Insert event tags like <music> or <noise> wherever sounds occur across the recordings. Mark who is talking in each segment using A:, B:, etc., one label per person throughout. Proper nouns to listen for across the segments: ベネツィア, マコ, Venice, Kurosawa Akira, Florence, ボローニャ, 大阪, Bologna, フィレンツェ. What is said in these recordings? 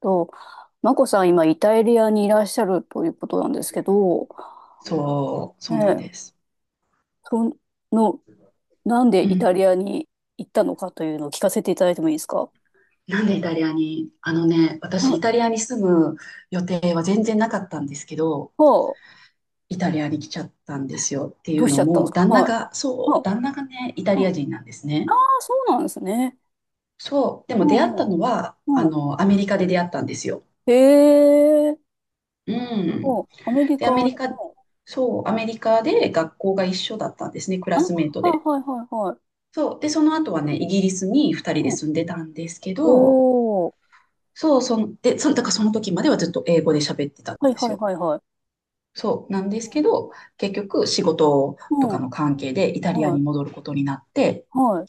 A: と、マコさん、今、イタリアにいらっしゃるということなんですけど、
B: そう、
A: ね
B: そうなん
A: え、
B: です。
A: その、なん
B: う
A: でイ
B: ん。
A: タリアに行ったのかというのを聞かせていただいてもいいですか？
B: なんでイタリアに、あのね、私
A: は
B: イ
A: い。
B: タリアに住む予定は全然なかったんですけど、
A: はあ、
B: イタリアに来ちゃったんですよってい
A: ど
B: う
A: うしち
B: の
A: ゃったんです
B: も、
A: か？
B: 旦那
A: は
B: が、
A: い。
B: そ
A: は
B: う、
A: あ、
B: 旦那がね、イタリ
A: うん、
B: ア人なんですね。
A: ああ、そうなんですね。
B: そう、で
A: う
B: も出会っ
A: ん、うん、
B: たのは、あ
A: うん。
B: の、アメリカで出会ったんですよ。
A: へえ、
B: うん。
A: うん、アメリ
B: で、
A: カ、
B: アメ
A: うん、
B: リカ、そう、アメリカで学校が一緒だったんですね、クラ
A: あ、はい、
B: スメートで。
A: はい、はい、はい。
B: そう、で、その後はね、イギリスに2人で
A: うん、
B: 住んでたんですけど、
A: おー、
B: そう、そんで、そん、だからその時まではずっと英語で喋ってたん
A: はい、
B: です
A: はい、
B: よ。
A: はい、はい。
B: そう、なんで
A: う
B: すけ
A: ん、
B: ど、結局仕事と
A: う
B: か
A: ん、
B: の関係でイタリア
A: は
B: に
A: い、
B: 戻ることになって、
A: はい。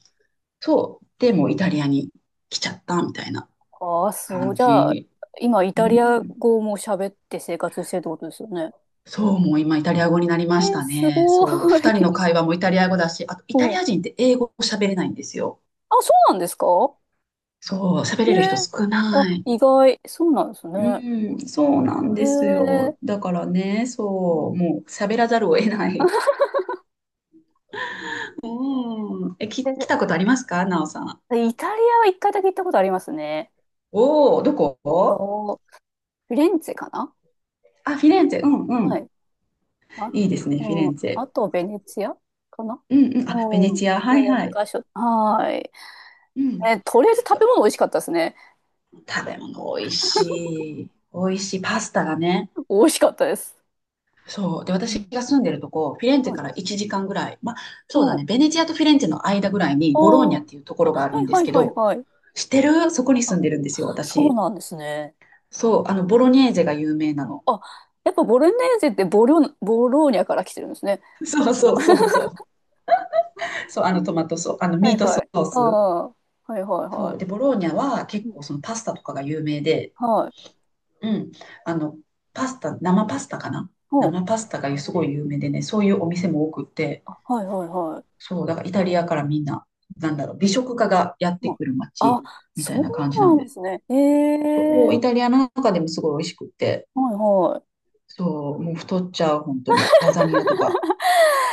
B: そう、でもうイタリアに来ちゃったみたいな
A: ああ、そ
B: 感
A: う。じゃあ、
B: じ。
A: 今、イ
B: う
A: タリア
B: ん。
A: 語も喋って生活してるってことですよね。
B: そう、もう今イタリア語になり
A: え
B: まし
A: ー、
B: た
A: す
B: ね。
A: ご
B: そう、
A: ー
B: 二人の
A: い。
B: 会話もイタリア語だし、あと
A: <laughs>
B: イタ
A: お、
B: リ
A: あ、
B: ア人って英語喋れないんですよ。
A: そうなんですか？
B: そう、喋
A: ね
B: れる人
A: え。
B: 少
A: あ、
B: ない。
A: 意外。そうなんですね。
B: うん、そうなん
A: へ
B: ですよ。
A: え。
B: だからね、
A: う
B: そ
A: ん。
B: う、もう喋らざるを得ない。おーえ、き、来たことありますか、なおさん？
A: え、イタリアは一回だけ行ったことありますね。
B: おお、どこ？
A: お、フィレンツェかな。
B: あ、フィレンツェ。うんう
A: は
B: ん。
A: い。あ、
B: いいですね、フィレ
A: う
B: ン
A: ん。
B: ツェ。
A: あと、ベネツィアかな。
B: うんうん。
A: う
B: あ、ベネ
A: ん。
B: チア。はい
A: この2
B: はい。
A: 箇所。はーい。
B: うん。
A: え、とりあえず食べ物美味しかったですね。
B: 食べ物美味しい。美味しい。パスタがね。
A: 美味しかったです。
B: そう。で、
A: う
B: 私
A: ん。
B: が住んでるとこ、フィレンツェ
A: は
B: か
A: い。
B: ら1時間ぐらい。まあ、そうだね。ベネチアとフィレンツェの間ぐらいに、
A: ああ、
B: ボローニャ
A: は
B: っていうところがあるん
A: い
B: で
A: は
B: す
A: い
B: け
A: はい
B: ど、
A: はい。
B: 知ってる？そこに住
A: あ、
B: んでるんですよ、
A: そう
B: 私。
A: なんですね。
B: そう。あの、
A: う
B: ボロニェ
A: ん。
B: ーゼが有名なの。
A: あ、やっぱボロネーゼってボローニャから来てるんですね。
B: そう
A: その
B: そう
A: 名前。
B: そうそう。そう、あ
A: う
B: のトマ
A: ん。
B: トソース、あの
A: <laughs> は
B: ミ
A: い
B: ートソ
A: はい。
B: ー
A: あ
B: ス。
A: あ、はいはい
B: そ
A: は
B: う。で、ボローニャは
A: い。
B: 結
A: うん。
B: 構そのパスタとかが有名で、
A: はい。
B: うん。あの、パスタ、生パスタかな。
A: うん。
B: 生パスタがすごい有名でね、そういうお店も多くって、
A: あ、はいはいはい。
B: そう、だからイタリアからみんな、なんだろう、美食家がやって
A: うん。
B: くる
A: あ、
B: 街みた
A: そ
B: い
A: う
B: な感じなん
A: なんで
B: で、
A: すね。え
B: そう、
A: え、
B: イタリアの中でもすごい美味しくって、
A: はいは
B: そう、もう太っちゃう、本当に。ラザニアとか。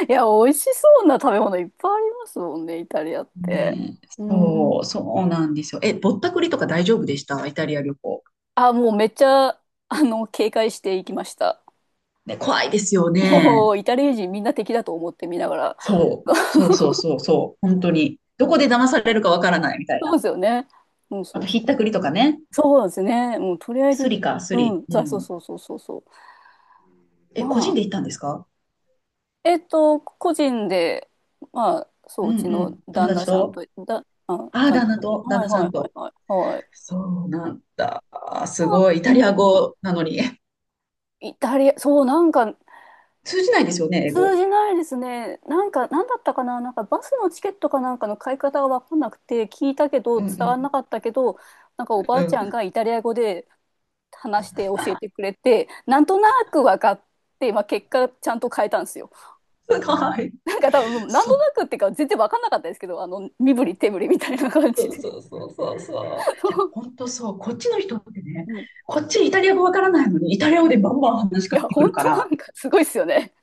A: い。<laughs> いや、美味しそうな食べ物いっぱいありますもんね、イタリアって。
B: ねえ、
A: うん。
B: そう、そうなんですよ。え、ぼったくりとか大丈夫でした？イタリア旅行。
A: あ、もうめっちゃ、警戒していきました。
B: ね、怖いですよね。
A: おー、イタリア人みんな敵だと思って見ながら。
B: そう。そうそうそうそう。本当に。ど
A: う
B: こで
A: ん。
B: 騙されるかわからないみたい
A: そうで
B: な。
A: すよね。うん、
B: あ
A: そ
B: と、
A: う
B: ひ
A: そ
B: ったくり
A: う。
B: とかね。
A: そうなんですね。もうとりあえ
B: ス
A: ず、
B: リか、ス
A: う
B: リ。
A: ん、
B: う
A: そうそう
B: ん。
A: そうそうそうそう。ま
B: え、個人
A: あ、
B: で行ったんですか？
A: 個人で、まあ、そ
B: う
A: う、
B: ん
A: うち
B: う
A: の
B: ん。友
A: 旦那
B: 達
A: さん
B: と？
A: と、
B: ああ、
A: 旦
B: 旦
A: 那
B: 那
A: さんと、
B: と、旦
A: はい
B: 那さ
A: はい
B: ん
A: はい
B: と。
A: はい、はい。
B: そうなんだ。あーす
A: そう、
B: ごい。イ
A: う
B: タリア
A: ん、
B: 語なのに。<laughs>
A: イタリア、そう、なんか、
B: 通じないですよね、英語。
A: 通じないですね。なんか、なんだったかな、なんかバスのチケットかなんかの買い方が分かんなくて、聞いたけど、
B: う
A: 伝わんな
B: ん
A: かったけど、なんかおば
B: う
A: あ
B: ん。
A: ち
B: うん。
A: ゃん
B: す
A: がイタリア語で話して教えてくれて、なんとなく分かって、まあ、結果、ちゃんと変えたんですよ。<laughs>
B: ごい。
A: なんか多分、もうなん
B: そ
A: と
B: う。
A: なくっていうか、全然分かんなかったですけど、身振り手振りみたいな感じ
B: そう
A: で。
B: そうそうそうそう。いや、本
A: <laughs>
B: 当そう。こっちの人ってね、
A: うん、
B: こっちイタリア語わからないのに、イタリア
A: う
B: 語
A: ん。
B: で
A: い
B: バンバン話しか
A: や、
B: けてく
A: 本
B: るか
A: 当な
B: ら、
A: んかすごいですよね。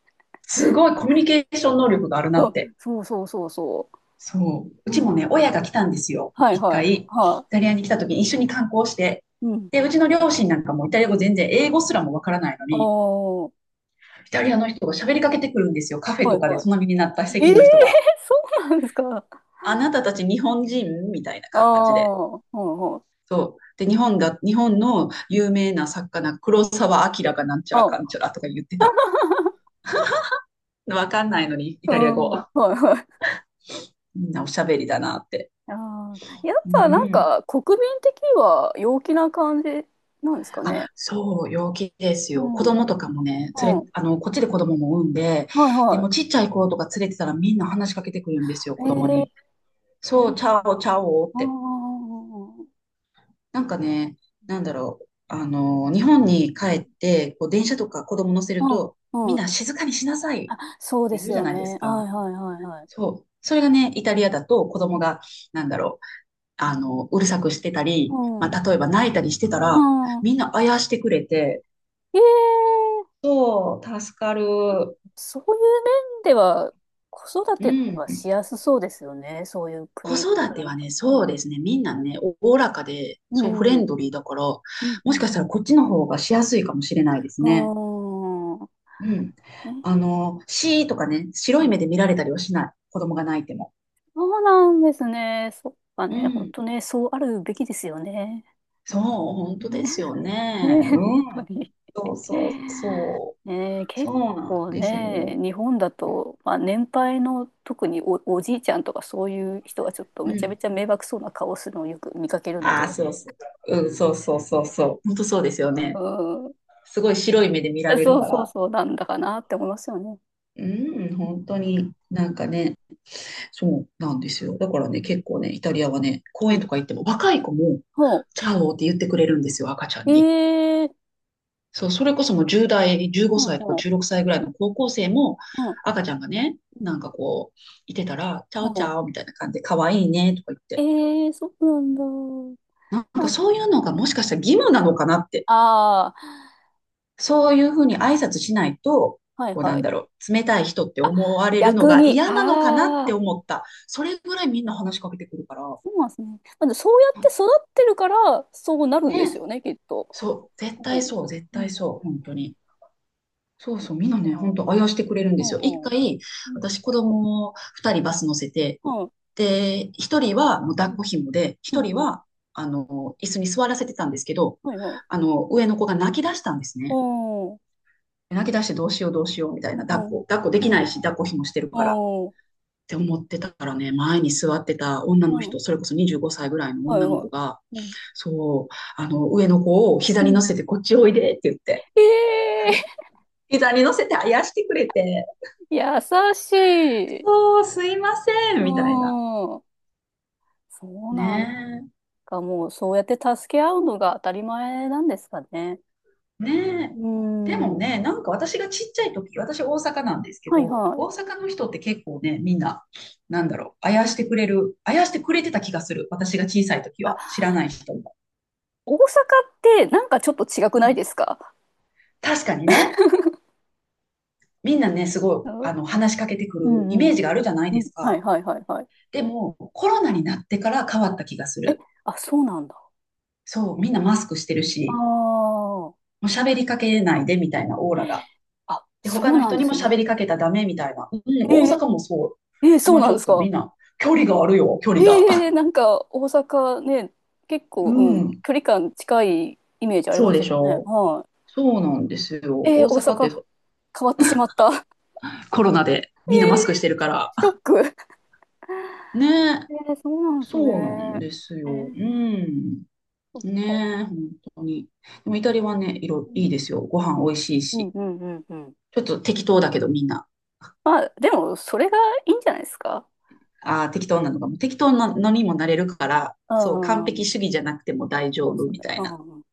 B: すごいコミュニケーション能力があるな
A: う
B: って。
A: ん、そうそうそうそ
B: そう。
A: う。
B: うちも
A: う
B: ね、
A: ん。
B: 親が来たんですよ。
A: はい
B: 一
A: はい。
B: 回、イ
A: は
B: タリアに来た時に一緒に観光して。
A: い。うん。
B: で、うちの両親なんかもイタリア語全然、英語すらもわからないの
A: ああ、
B: に、
A: は
B: イタリアの人が喋りかけてくるんですよ。カフ
A: い
B: ェとかで
A: は
B: 隣になった
A: い。え
B: 席
A: えー、
B: の人が。
A: そうなんですか。
B: あなたたち日本人みたいな
A: あ
B: 感じで。
A: あ、はいは
B: そう。で、日本の
A: い。
B: 有名な作家な黒沢明がなんちゃらかんち
A: あ、
B: ゃらとか言ってた。わかんないのに、イ
A: う
B: タリア語。
A: ん、はいはい。
B: みんなおしゃべりだなって。
A: ああ、やっ
B: う
A: ぱなん
B: ん。
A: か国民的には陽気な感じなんですかね。
B: あ、そう、陽気です
A: う
B: よ。子
A: ん、うん、
B: 供とかもね、連れ、
A: は
B: あの、こっちで子供も産んで、
A: い
B: で
A: は
B: もちっちゃい子とか連れてたらみんな話しかけてくるんですよ、
A: い。
B: 子
A: え
B: 供
A: え、
B: に。
A: そう
B: そう、チ
A: な
B: ャ
A: ん
B: オ、
A: だ。
B: チャオっ
A: あ
B: て。
A: あ、
B: なんかね、なんだろう、あの、日本に帰って、こう、電車とか子供乗せると、
A: うん、
B: み
A: う
B: ん
A: ん、
B: な静かにしなさいっ
A: そうで
B: て言
A: す
B: うじゃ
A: よ
B: ないです
A: ね。は
B: か。
A: いはいはいはい。
B: そう。それがね、イタリアだと子
A: う
B: 供が、なんだろう、あの、うるさくしてたり、ま
A: ん、
B: あ、例えば泣いたりしてた
A: う
B: ら、
A: ん、うん、
B: みんなあやしてくれて、
A: ええ、
B: そう、助かる。
A: そういう面では、子育
B: う
A: ては
B: ん。
A: しやすそうですよね。そういう
B: 子
A: 国か
B: 育
A: ら
B: てはね、
A: の。
B: そう
A: ね。
B: ですね。みん
A: う
B: なね、
A: ん。
B: おおらかで、
A: う
B: そう、フレ
A: ん。う
B: ンドリーだから、も
A: んう
B: しか
A: ん
B: し
A: う
B: たら
A: ん、
B: こっちの方がしやすいかもしれないですね。
A: うーん。
B: うん。あの、シーとかね、
A: う
B: 白い
A: ん。
B: 目で見られたりはしない。子供が泣いても。
A: そうなんですね。そっか
B: う
A: ね。本
B: ん。
A: 当ね、そうあるべきですよね。
B: そう、本当で
A: ね、
B: すよね。
A: ね、本
B: う
A: 当
B: ん。
A: に。
B: そうそうそう。
A: ね、結
B: そうなん
A: 構
B: です
A: ね、
B: よ。
A: 日本だと、まあ、年配の特におじいちゃんとかそういう人がちょっと
B: う
A: めちゃ
B: ん。
A: めちゃ迷惑そうな顔をするのをよく見かけるの
B: ああ、
A: で。
B: そうそう。うん、そうそうそうそう。本当そうですよ
A: う
B: ね。
A: ん、
B: すごい白い目で見られる
A: そう
B: か
A: そう
B: ら。
A: そう、なんだかなって思いますよね。
B: うん、本当になんかね、そうなんですよ。だから
A: う
B: ね、
A: ん
B: 結構ね、イタリアはね、公
A: う
B: 園
A: ん。
B: とか行っても若い子も、
A: ほ
B: チャオって言ってくれるんですよ、赤ちゃ
A: う。
B: んに。
A: えー、
B: そう、それこそもう10代、15
A: うん、
B: 歳とか
A: ほう。
B: 16歳ぐらいの高校生も、
A: うん、
B: 赤ちゃんがね、
A: うん、
B: なんかこう、いてたら、チャオチ
A: ほ
B: ャオみたいな感じで、可愛いねとか言っ
A: う。え
B: て。
A: ー、そうなんだ。
B: なんか
A: あ、
B: そういうのが
A: う
B: もしか
A: ん。
B: したら義務なのかなって。
A: ああ、
B: そういうふうに挨拶しないと、
A: はい
B: こうな
A: は
B: ん
A: い。
B: だろう、冷たい人って
A: あ、
B: 思われるの
A: 逆
B: が
A: に、
B: 嫌なのかなって
A: ああ、
B: 思った。それぐらいみんな話しかけてくるから。
A: そうなんですね。まずそうやって育ってるから、そうなる
B: ね、
A: んですよね、きっと。
B: そう、絶
A: う
B: 対
A: ん。
B: そう、絶
A: う
B: 対
A: ん。
B: そう、本当に。そうそう、みんなね、本当あやしてくれるん
A: う
B: ですよ。一
A: ん。うん。
B: 回、
A: うん。
B: 私子供を二人バス乗せて、
A: うん。
B: で、一人はもう
A: う
B: 抱っ
A: ん。
B: こ紐で、
A: う
B: 一
A: ん。
B: 人
A: うん、
B: は、あの、椅子に座らせてたんですけど、
A: はいはい。
B: あの、上の子が泣き出したんです
A: う
B: ね。
A: ん。うん。
B: 泣き出してどうしようどうしようみたい
A: う
B: な、抱っ
A: ん。う
B: こ、
A: ん。
B: 抱っこで
A: う
B: きない
A: ん。
B: し、抱っこ紐してるから。っ
A: うん。
B: て思ってたからね、前に座ってた女
A: う
B: の人、
A: ん、
B: それこそ25歳ぐらいの
A: はい
B: 女の
A: は
B: 子が、
A: い、うん。
B: そう、あの、上の子を膝
A: う
B: に乗
A: ん。
B: せてこっちおいでって言って、
A: ええ
B: 膝に乗せてあやしてくれて、
A: ー、優しい。
B: そう、すいません、
A: う
B: みたいな。
A: ん。そう、なん
B: ね
A: か、もう、そうやって助け合うのが当たり前なんですかね。
B: え、ね
A: う
B: え。でも
A: ん。
B: ね、なんか私がちっちゃい時、私大阪なんですけ
A: はい
B: ど、
A: はい。
B: 大阪の人って結構ね、みんな、なんだろう、あやしてくれる、あやしてくれてた気がする。私が小さい時
A: あ、
B: は、知らない人も。
A: 大阪ってなんかちょっと違く
B: う
A: ないで
B: ん、
A: すか？
B: 確かにね、みんなね、すごい、
A: うん。
B: あの、話しかけてくるイ
A: <laughs> うんう
B: メ
A: ん。
B: ージがあるじゃない
A: う
B: で
A: ん、
B: す
A: はい
B: か。
A: はいはいはい。
B: でも、コロナになってから変わった気がす
A: え、
B: る。
A: あ、そうなんだ。
B: そう、みんなマスクしてる
A: あ
B: し、
A: あ。
B: もう喋りかけないでみたいなオーラが、
A: あ、
B: で、他
A: そう
B: の
A: なん
B: 人
A: で
B: にも
A: す
B: 喋
A: ね。
B: りかけたらダメみたいな。うん、
A: え
B: 大
A: ー、
B: 阪もそう。
A: えー、そう
B: 今
A: な
B: ち
A: んで
B: ょっ
A: す
B: と
A: か？
B: みんな、距離があるよ、距
A: え
B: 離が。<laughs>
A: え、なんか大阪ね、結
B: う
A: 構、うん、
B: ん、
A: 距離感近いイメージあり
B: そ
A: ま
B: う
A: し
B: で
A: たけ
B: し
A: どね。
B: ょう。
A: は
B: そうなんです
A: い。
B: よ。
A: ええ、
B: 大
A: 大
B: 阪って
A: 阪
B: そう、
A: 変わってしまった。
B: コロナで
A: <laughs> え
B: みんなマスクし
A: え、
B: てるか
A: ショ
B: ら。
A: ック。
B: ねえ、
A: ええ、そうなんです
B: そうなん
A: ね。
B: です
A: え
B: よ。う
A: え、
B: ん。
A: そっか。
B: ねえ、本当に。でもイタリアはね、色
A: う
B: いい
A: ん
B: ですよ。ご飯美味しい
A: うん
B: し。
A: うんうんうん。
B: ちょっと適当だけどみんな。
A: まあ、でも、それがいいんじゃないですか。
B: ああ、適当なのかも。適当なのにもなれるから、
A: う
B: そう、
A: ん。
B: 完
A: う
B: 璧主
A: ん、
B: 義じゃなくても大丈
A: そうで
B: 夫
A: すよ
B: み
A: ね。
B: たい
A: う
B: な。
A: ん。うん、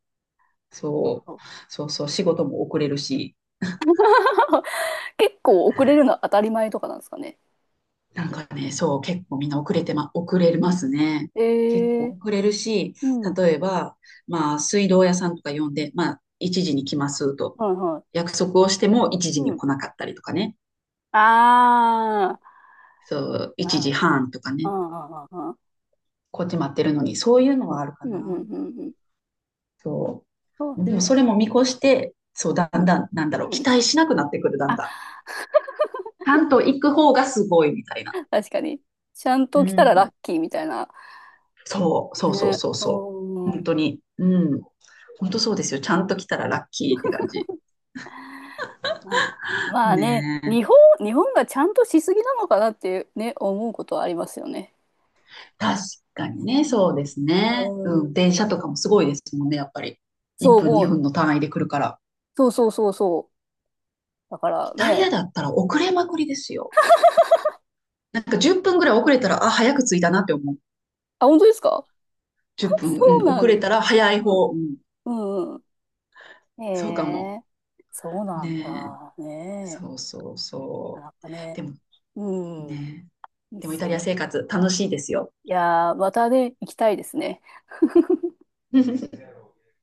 A: そう
B: そ
A: そう。
B: う、そうそう、仕事も遅れるし、
A: <laughs> 結構遅れるのは当たり前とかなんですかね。
B: なんかね、そう、結構みんな遅れてま、遅れますね。結
A: ええ、
B: 構遅れるし、
A: うん。
B: 例えば、まあ、水道屋さんとか呼んで、まあ、1時に来ますと、
A: はいは
B: 約束をしても一
A: い。
B: 時
A: う
B: に
A: ん。
B: 来なかったりとかね、
A: ああ。
B: そう、
A: ま
B: 1
A: あ
B: 時
A: ま
B: 半とか
A: あ。
B: ね、
A: うん
B: こっち待ってるのに、そういうのはあるか
A: うんうんうん。
B: な。
A: うんうんうん、
B: そ
A: そう
B: う。でも、
A: です
B: それも見越して、そう、だん
A: ね。
B: だん、なんだろ
A: う
B: う、
A: んう
B: 期
A: ん。
B: 待しなくなってくる、だん
A: あ、
B: だん。ちゃんと行く方がすごいみたいな。
A: 確かに。ちゃん
B: う
A: と来たらラ
B: ん。
A: ッキーみたいな。
B: そう、そうそう
A: ね。
B: そう
A: う
B: そう。本
A: ん。
B: 当に。うん。本当そうですよ。ちゃんと来たらラッキーって感じ。
A: まあ、まあね、
B: ね
A: 日
B: え。
A: 本、日本がちゃんとしすぎなのかなってね、思うことはありますよね。
B: 確かにね、そうです
A: う
B: ね。うん。
A: ん。
B: 電車とかもすごいですもんね、やっぱり。1
A: そう
B: 分、
A: も
B: 2
A: う。
B: 分の単位で来るから。
A: そうそうそうそう。だから
B: イタリア
A: ね。
B: だったら遅れまくりですよ。なんか10分ぐらい遅れたら、あ、早く着いたなって思う。
A: あ、本当ですか？
B: 10
A: <laughs>
B: 分、う
A: そう
B: ん、
A: な
B: 遅
A: ん
B: れ
A: だ。
B: たら早い
A: うん。
B: 方。うん、
A: うんうん。へ
B: そうかも。
A: え。そうなん
B: ねえ。
A: だ。ね
B: そうそう
A: え。
B: そ
A: なんか
B: う。
A: ね。うん。
B: ねえ、
A: いいっ
B: でもイ
A: す
B: タ
A: よ
B: リア
A: ね。
B: 生活楽しいですよ。
A: いやー、またね、行きたいですね。
B: <laughs>